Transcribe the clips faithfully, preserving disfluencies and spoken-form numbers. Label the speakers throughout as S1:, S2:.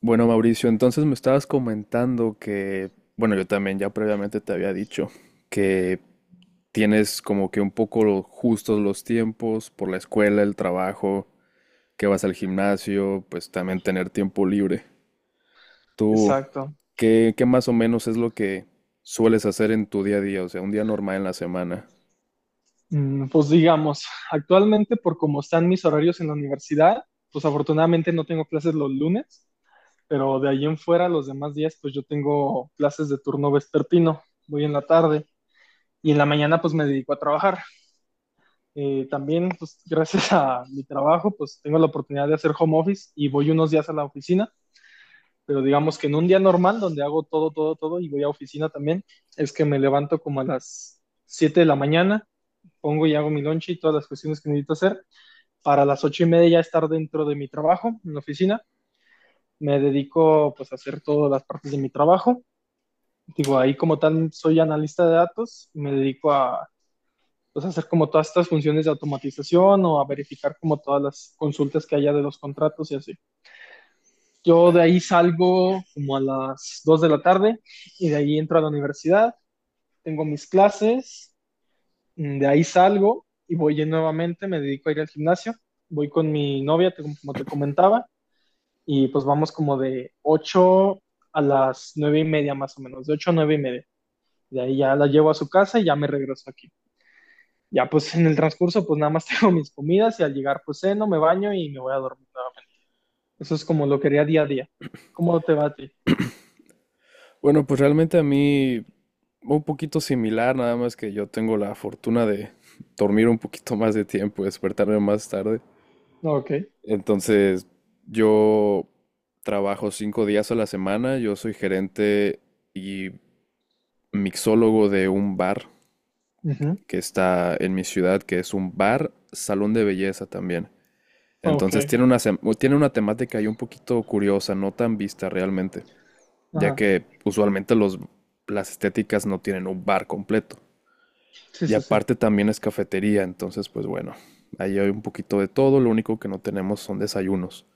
S1: Bueno, Mauricio, entonces me estabas comentando que, bueno, yo también ya previamente te había dicho que tienes como que un poco lo- justos los tiempos por la escuela, el trabajo, que vas al gimnasio, pues también tener tiempo libre. ¿Tú
S2: Exacto.
S1: qué, qué más o menos es lo que sueles hacer en tu día a día? O sea, un día normal en la semana.
S2: Mm, Pues digamos, actualmente por cómo están mis horarios en la universidad, pues afortunadamente no tengo clases los lunes, pero de ahí en fuera los demás días pues yo tengo clases de turno vespertino, voy en la tarde y en la mañana pues me dedico a trabajar. Eh, también pues gracias a mi trabajo pues tengo la oportunidad de hacer home office y voy unos días a la oficina, pero digamos que en un día normal donde hago todo, todo, todo y voy a oficina también, es que me levanto como a las siete de la mañana, pongo y hago mi lunch y todas las cuestiones que necesito hacer. Para las ocho y media ya estar dentro de mi trabajo, en la oficina. Me dedico pues a hacer todas las partes de mi trabajo. Digo, ahí como tal soy analista de datos, me dedico a pues, hacer como todas estas funciones de automatización o a verificar como todas las consultas que haya de los contratos y así. Yo de
S1: Eh,
S2: ahí salgo como a las dos de la tarde y de ahí entro a la universidad, tengo mis clases. Mm, De ahí salgo y voy en- nuevamente, me dedico a ir al gimnasio, voy con mi novia, te- como te comentaba, y pues vamos como de ocho a las nueve y media más o menos, de ocho a nueve y media. De ahí ya la llevo a su casa y ya me regreso aquí. Ya pues en el transcurso pues nada más tengo mis comidas y al llegar pues ceno, me baño y me voy a dormir nuevamente. Eso es como lo que haría día a día. ¿Cómo te va a ti?
S1: Bueno, pues realmente a mí un poquito similar, nada más que yo tengo la fortuna de dormir un poquito más de tiempo, despertarme más tarde.
S2: Ok.
S1: Entonces, yo trabajo cinco días a la semana, yo soy gerente y mixólogo de un bar
S2: Ujú.
S1: que está en mi ciudad, que es un bar, salón de belleza también. Entonces
S2: Ok.
S1: tiene una, sem- tiene una temática ahí un poquito curiosa, no tan vista realmente, ya
S2: Ajá.
S1: que usualmente los, las estéticas no tienen un bar completo.
S2: Sí,
S1: Y
S2: sí, sí.
S1: aparte también es cafetería, entonces pues bueno, ahí hay un poquito de todo, lo único que no tenemos son desayunos.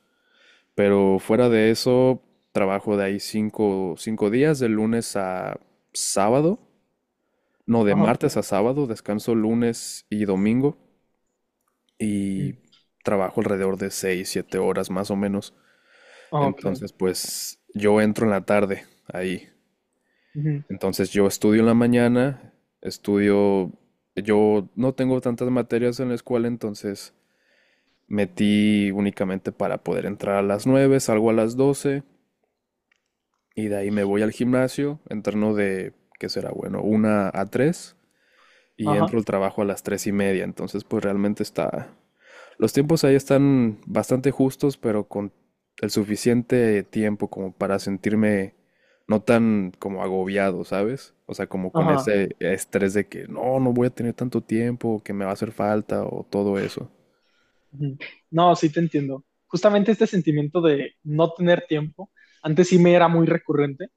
S1: Pero fuera de eso, trabajo de ahí cinco, cinco días, de lunes a sábado. No, de
S2: Ajá.
S1: martes a sábado, descanso lunes y domingo. Y
S2: Mm.
S1: trabajo alrededor de seis, siete horas más o menos.
S2: Ok.
S1: Entonces, pues yo entro en la tarde ahí.
S2: Ujú.
S1: Entonces yo estudio en la mañana, estudio, yo no tengo tantas materias en la escuela, entonces metí únicamente para poder entrar a las nueve, salgo a las doce. Y de ahí me voy al gimnasio, entreno de, ¿qué será? Bueno, una a tres, y entro
S2: Ajá.
S1: al trabajo a las tres y media. Entonces, pues realmente está. Los tiempos ahí están bastante justos, pero con el suficiente tiempo como para sentirme no tan como agobiado, ¿sabes? O sea, como con
S2: Ajá.
S1: ese estrés de que no, no voy a tener tanto tiempo, que me va a hacer falta o todo eso.
S2: Ujú. No, sí te entiendo. Justamente este sentimiento de no tener tiempo, antes sí me era muy recurrente,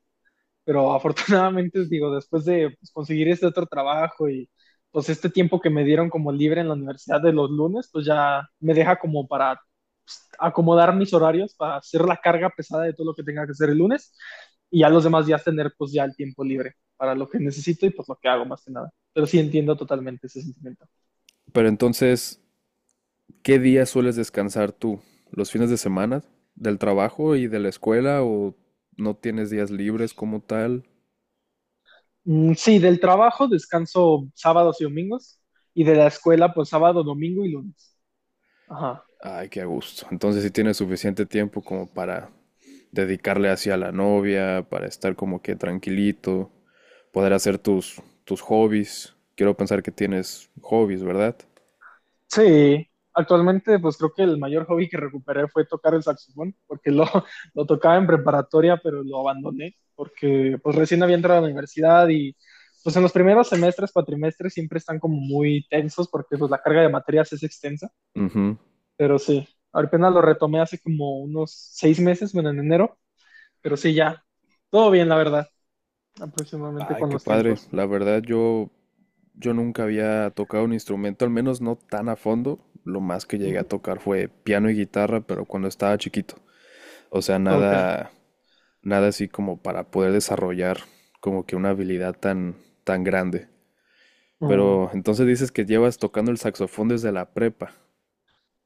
S2: pero afortunadamente, digo, después de pues, conseguir este otro trabajo y pues este tiempo que me dieron como libre en la universidad de los lunes, pues ya me deja como para pues, acomodar mis horarios, para hacer la carga pesada de todo lo que tenga que hacer el lunes y ya los demás días tener pues ya el tiempo libre para lo que necesito y pues lo que hago más que nada. Pero sí entiendo totalmente ese sentimiento.
S1: Pero entonces, ¿qué días sueles descansar tú? ¿Los fines de semana? ¿Del trabajo y de la escuela? ¿O no tienes días libres como tal?
S2: Mm, sí, del trabajo descanso sábados y domingos y de la escuela pues sábado, domingo y lunes. Ajá.
S1: Ay, qué a gusto. Entonces sí tienes suficiente tiempo como para dedicarle hacia la novia, para estar como que tranquilito, poder hacer tus, tus hobbies. Quiero pensar que tienes hobbies, ¿verdad?
S2: Sí, actualmente pues creo que el mayor hobby que recuperé fue tocar el saxofón porque lo, lo tocaba en preparatoria, pero lo abandoné porque pues recién había entrado a la universidad y pues en los primeros semestres, cuatrimestres siempre están como muy tensos porque pues la carga de materias es extensa,
S1: Ujú.
S2: pero sí, apenas lo retomé hace como unos seis meses, bueno, en enero, pero sí, ya, todo bien la verdad, aproximadamente
S1: Ay,
S2: con
S1: qué
S2: los
S1: padre.
S2: tiempos.
S1: La verdad, yo Yo nunca había tocado un instrumento, al menos no tan a fondo. Lo más que llegué a
S2: Ujú.
S1: tocar fue piano y guitarra, pero cuando estaba chiquito. O sea,
S2: Ok.
S1: nada, nada así como para poder desarrollar como que una habilidad tan, tan grande.
S2: Mm.
S1: Pero entonces dices que llevas tocando el saxofón desde la prepa.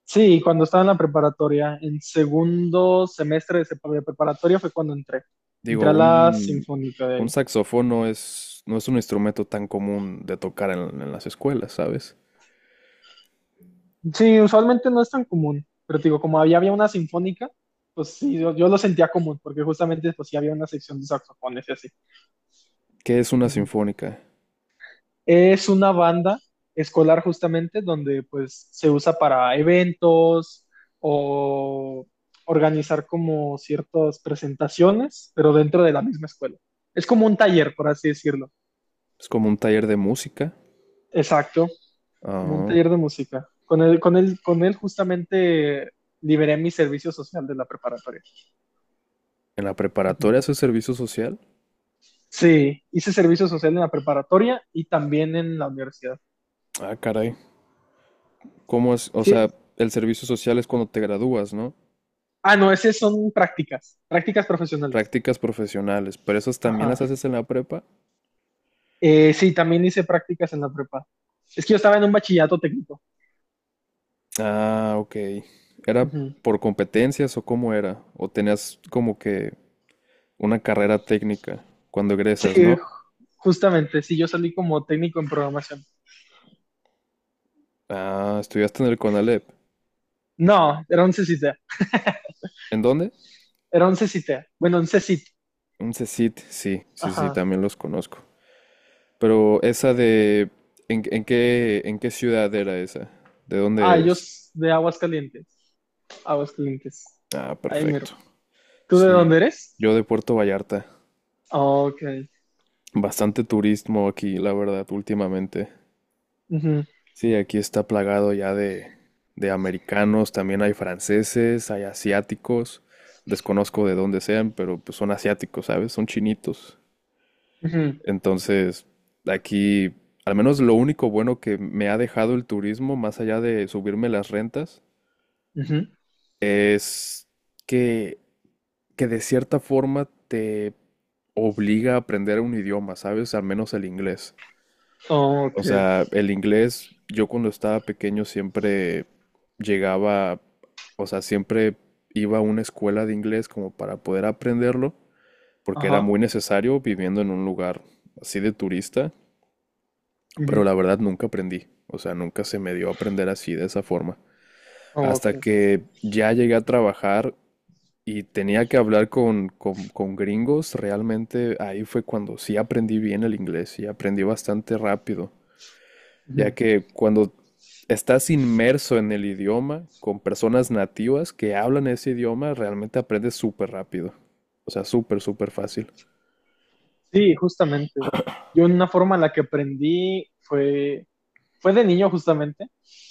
S2: Sí, cuando estaba en la preparatoria, en segundo semestre de sepa- de preparatoria fue cuando entré.
S1: Digo,
S2: Entré a la
S1: un,
S2: sinfónica de
S1: un
S2: ahí.
S1: saxofón no es, no es un instrumento tan común de tocar en, en las escuelas, ¿sabes?
S2: Sí, usualmente no es tan común, pero te digo, como había, había una sinfónica, pues sí, yo, yo lo sentía común, porque justamente pues sí había una sección de saxofones y así.
S1: ¿Qué es una sinfónica?
S2: Es una banda escolar justamente donde pues se usa para eventos o organizar como ciertas presentaciones, pero dentro de la misma escuela. Es como un taller, por así decirlo.
S1: Es como un taller de música.
S2: Exacto, como un
S1: Ah.
S2: taller de música. Con él, con él, con él justamente liberé mi servicio social de la preparatoria.
S1: ¿En la
S2: Ujú.
S1: preparatoria haces servicio social?
S2: Sí, hice servicio social en la preparatoria y también en la universidad.
S1: Ah, caray. ¿Cómo es? O
S2: Sí.
S1: sea, el servicio social es cuando te gradúas, ¿no?
S2: Ah, no, esas son prácticas, prácticas profesionales.
S1: Prácticas profesionales, pero esas también
S2: Ajá.
S1: las haces en la prepa.
S2: Eh, sí, también hice prácticas en la prepa. Es que yo estaba en un bachillerato técnico.
S1: Ah, ok. ¿Era
S2: Ujú.
S1: por competencias o cómo era? ¿O tenías como que una carrera técnica cuando
S2: Sí,
S1: egresas, ¿no?
S2: ju- justamente, sí, yo salí como técnico en programación.
S1: Ah, estudiaste en el CONALEP.
S2: No, era un C C T,
S1: ¿En dónde?
S2: era un C C T, bueno, un C C T,
S1: Un C E C I T, sí, sí, sí,
S2: ajá.
S1: también los conozco. Pero esa de, ¿en, en qué, en qué ciudad era esa? ¿De dónde
S2: Ah, yo
S1: eres?
S2: s- de Aguascalientes, Aguascalientes.
S1: Ah,
S2: Ahí miro.
S1: perfecto.
S2: ¿Tú de dónde
S1: Sí,
S2: eres?
S1: yo de Puerto Vallarta.
S2: Ok.
S1: Bastante turismo aquí, la verdad, últimamente.
S2: Ujú,
S1: Sí, aquí está plagado ya de, de americanos, también hay franceses, hay asiáticos. Desconozco de dónde sean, pero pues son asiáticos, ¿sabes? Son chinitos.
S2: ujú,
S1: Entonces, aquí, al menos lo único bueno que me ha dejado el turismo, más allá de subirme las rentas,
S2: ujú.
S1: es que, que de cierta forma te obliga a aprender un idioma, ¿sabes? Al menos el inglés.
S2: Ok,
S1: O sea, el inglés, yo cuando estaba pequeño siempre llegaba, o sea, siempre iba a una escuela de inglés como para poder aprenderlo, porque era
S2: ajá.
S1: muy necesario viviendo en un lugar así de turista, pero
S2: Ujú.
S1: la verdad nunca aprendí, o sea, nunca se me dio a aprender así de esa forma.
S2: Ok.
S1: Hasta que ya llegué a trabajar y tenía que hablar con, con, con gringos, realmente ahí fue cuando sí aprendí bien el inglés y aprendí bastante rápido. Ya
S2: Ujú.
S1: que cuando estás inmerso en el idioma con personas nativas que hablan ese idioma, realmente aprendes súper rápido. O sea, súper, súper fácil.
S2: Sí, justamente. Yo una forma en la que aprendí fue fue de niño justamente,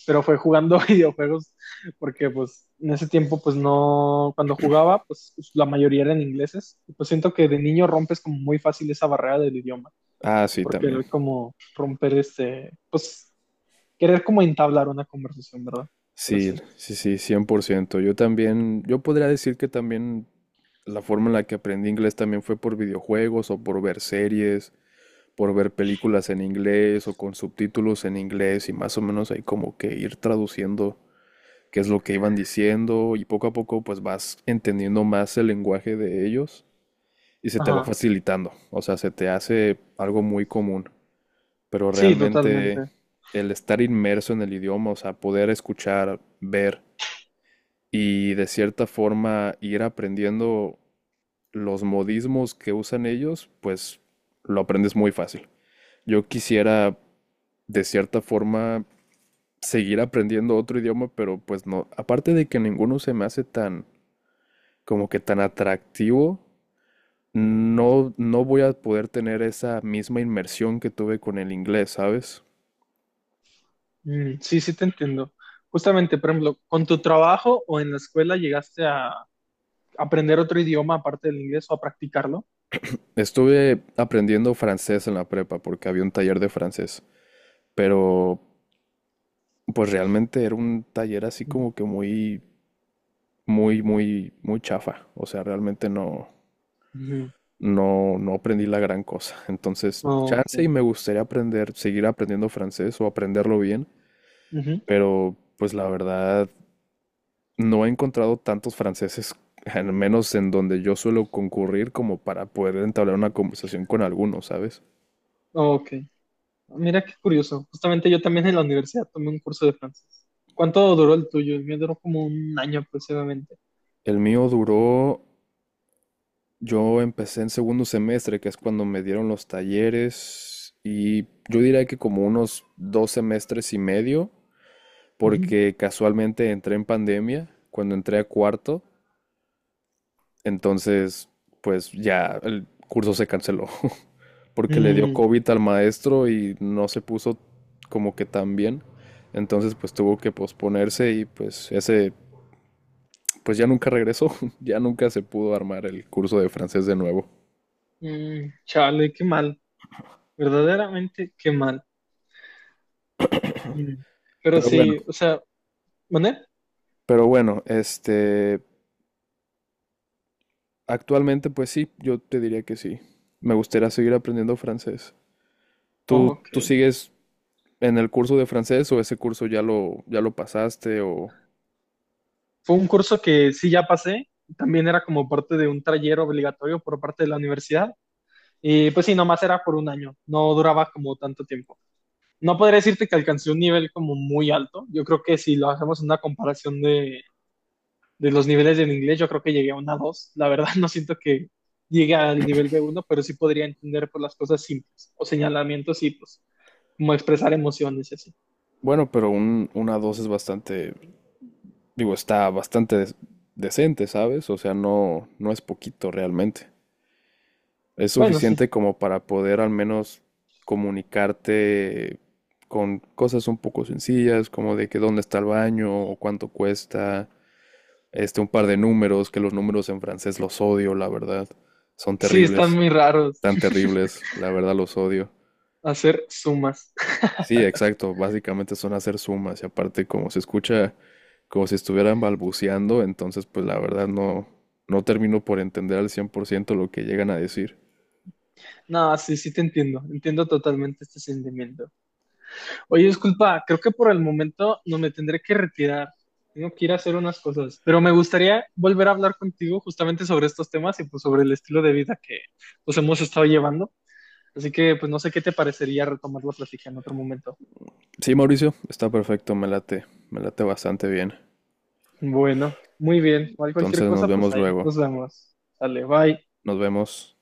S2: pero fue jugando videojuegos porque pues en ese tiempo pues no, cuando jugaba pues la mayoría eran ingleses y pues siento que de niño rompes como muy fácil esa barrera del idioma,
S1: Ah, sí,
S2: porque era
S1: también.
S2: como romper este, pues querer como entablar una conversación, ¿verdad? Pero
S1: Sí,
S2: sí.
S1: sí, sí, cien por ciento. Yo también, yo podría decir que también la forma en la que aprendí inglés también fue por videojuegos o por ver series, por ver películas en inglés o con subtítulos en inglés y más o menos ahí como que ir traduciendo qué es lo que iban diciendo y poco a poco pues vas entendiendo más el lenguaje de ellos y se te va
S2: Ajá.
S1: facilitando, o sea, se te hace algo muy común, pero
S2: Sí,
S1: realmente
S2: totalmente.
S1: el estar inmerso en el idioma, o sea, poder escuchar, ver y de cierta forma ir aprendiendo los modismos que usan ellos, pues lo aprendes muy fácil. Yo quisiera de cierta forma seguir aprendiendo otro idioma, pero pues no, aparte de que ninguno se me hace tan como que tan atractivo, no, no voy a poder tener esa misma inmersión que tuve con el inglés, ¿sabes?
S2: Mm, sí, sí te entiendo. Justamente, por ejemplo, ¿con tu trabajo o en la escuela llegaste a aprender otro idioma aparte del inglés o a practicarlo?
S1: Estuve aprendiendo francés en la prepa porque había un taller de francés, pero pues realmente era un taller así
S2: Mm.
S1: como que muy, muy, muy, muy chafa. O sea, realmente no,
S2: Ujú.
S1: no, no aprendí la gran cosa. Entonces,
S2: Oh,
S1: chance y
S2: ok.
S1: me gustaría aprender, seguir aprendiendo francés o aprenderlo bien,
S2: Ujú.
S1: pero pues la verdad no he encontrado tantos franceses, al menos en donde yo suelo concurrir, como para poder entablar una conversación con alguno, ¿sabes?
S2: Ok, mira qué curioso. Justamente yo también en la universidad tomé un curso de francés. ¿Cuánto duró el tuyo? El mío duró como un año aproximadamente.
S1: El mío duró, yo empecé en segundo semestre, que es cuando me dieron los talleres, y yo diría que como unos dos semestres y medio,
S2: Ujú.
S1: porque casualmente entré en pandemia, cuando entré a cuarto, entonces pues ya el curso se canceló, porque le dio
S2: Mm,
S1: COVID al maestro y no se puso como que tan bien. Entonces pues tuvo que posponerse y pues ese pues ya nunca regresó, ya nunca se pudo armar el curso de francés de nuevo.
S2: mm, chale, qué mal. Verdaderamente, qué mal. Mm. Pero
S1: Pero bueno,
S2: sí, o sea, ¿mané?
S1: pero bueno, este actualmente pues sí, yo te diría que sí. Me gustaría seguir aprendiendo francés. ¿Tú
S2: Ok.
S1: tú sigues en el curso de francés, o ese curso ya lo ya lo pasaste, o
S2: Fue un curso que sí ya pasé. También era como parte de un taller obligatorio por parte de la universidad. Y pues sí, nomás era por un año. No duraba como tanto tiempo. No podría decirte que alcancé un nivel como muy alto. Yo creo que si lo hacemos en una comparación de, de los niveles del inglés, yo creo que llegué a una dos. La verdad, no siento que llegue al nivel be uno, pero sí podría entender por las cosas simples o señalamientos y pues como expresar emociones y así.
S1: bueno? Pero un, una dos es bastante. Digo, está bastante des- decente, ¿sabes? O sea, no, no es poquito realmente. Es
S2: Bueno, sí.
S1: suficiente como para poder al menos comunicarte con cosas un poco sencillas, como de que dónde está el baño o cuánto cuesta, este, un par de números, que los números en francés los odio, la verdad. Son
S2: Sí, están
S1: terribles,
S2: muy raros
S1: tan terribles, la verdad los odio.
S2: hacer sumas.
S1: Sí, exacto. Básicamente son hacer sumas y aparte como se escucha como si estuvieran balbuceando, entonces pues la verdad no, no termino por entender al cien por ciento lo que llegan a decir.
S2: No, sí, sí te entiendo. Entiendo totalmente este sentimiento. Oye, disculpa, creo que por el momento no me tendré que retirar. Tengo que ir a hacer unas cosas, pero me gustaría volver a hablar contigo justamente sobre estos temas y pues sobre el estilo de vida que pues hemos estado llevando. Así que pues no sé qué te parecería retomar la plática en otro momento.
S1: Sí, Mauricio, está perfecto, me late, me late bastante bien.
S2: Bueno, muy bien. Igual cualquier
S1: Entonces nos
S2: cosa, pues
S1: vemos
S2: ahí.
S1: luego.
S2: Nos vemos. Dale, bye.
S1: Nos vemos.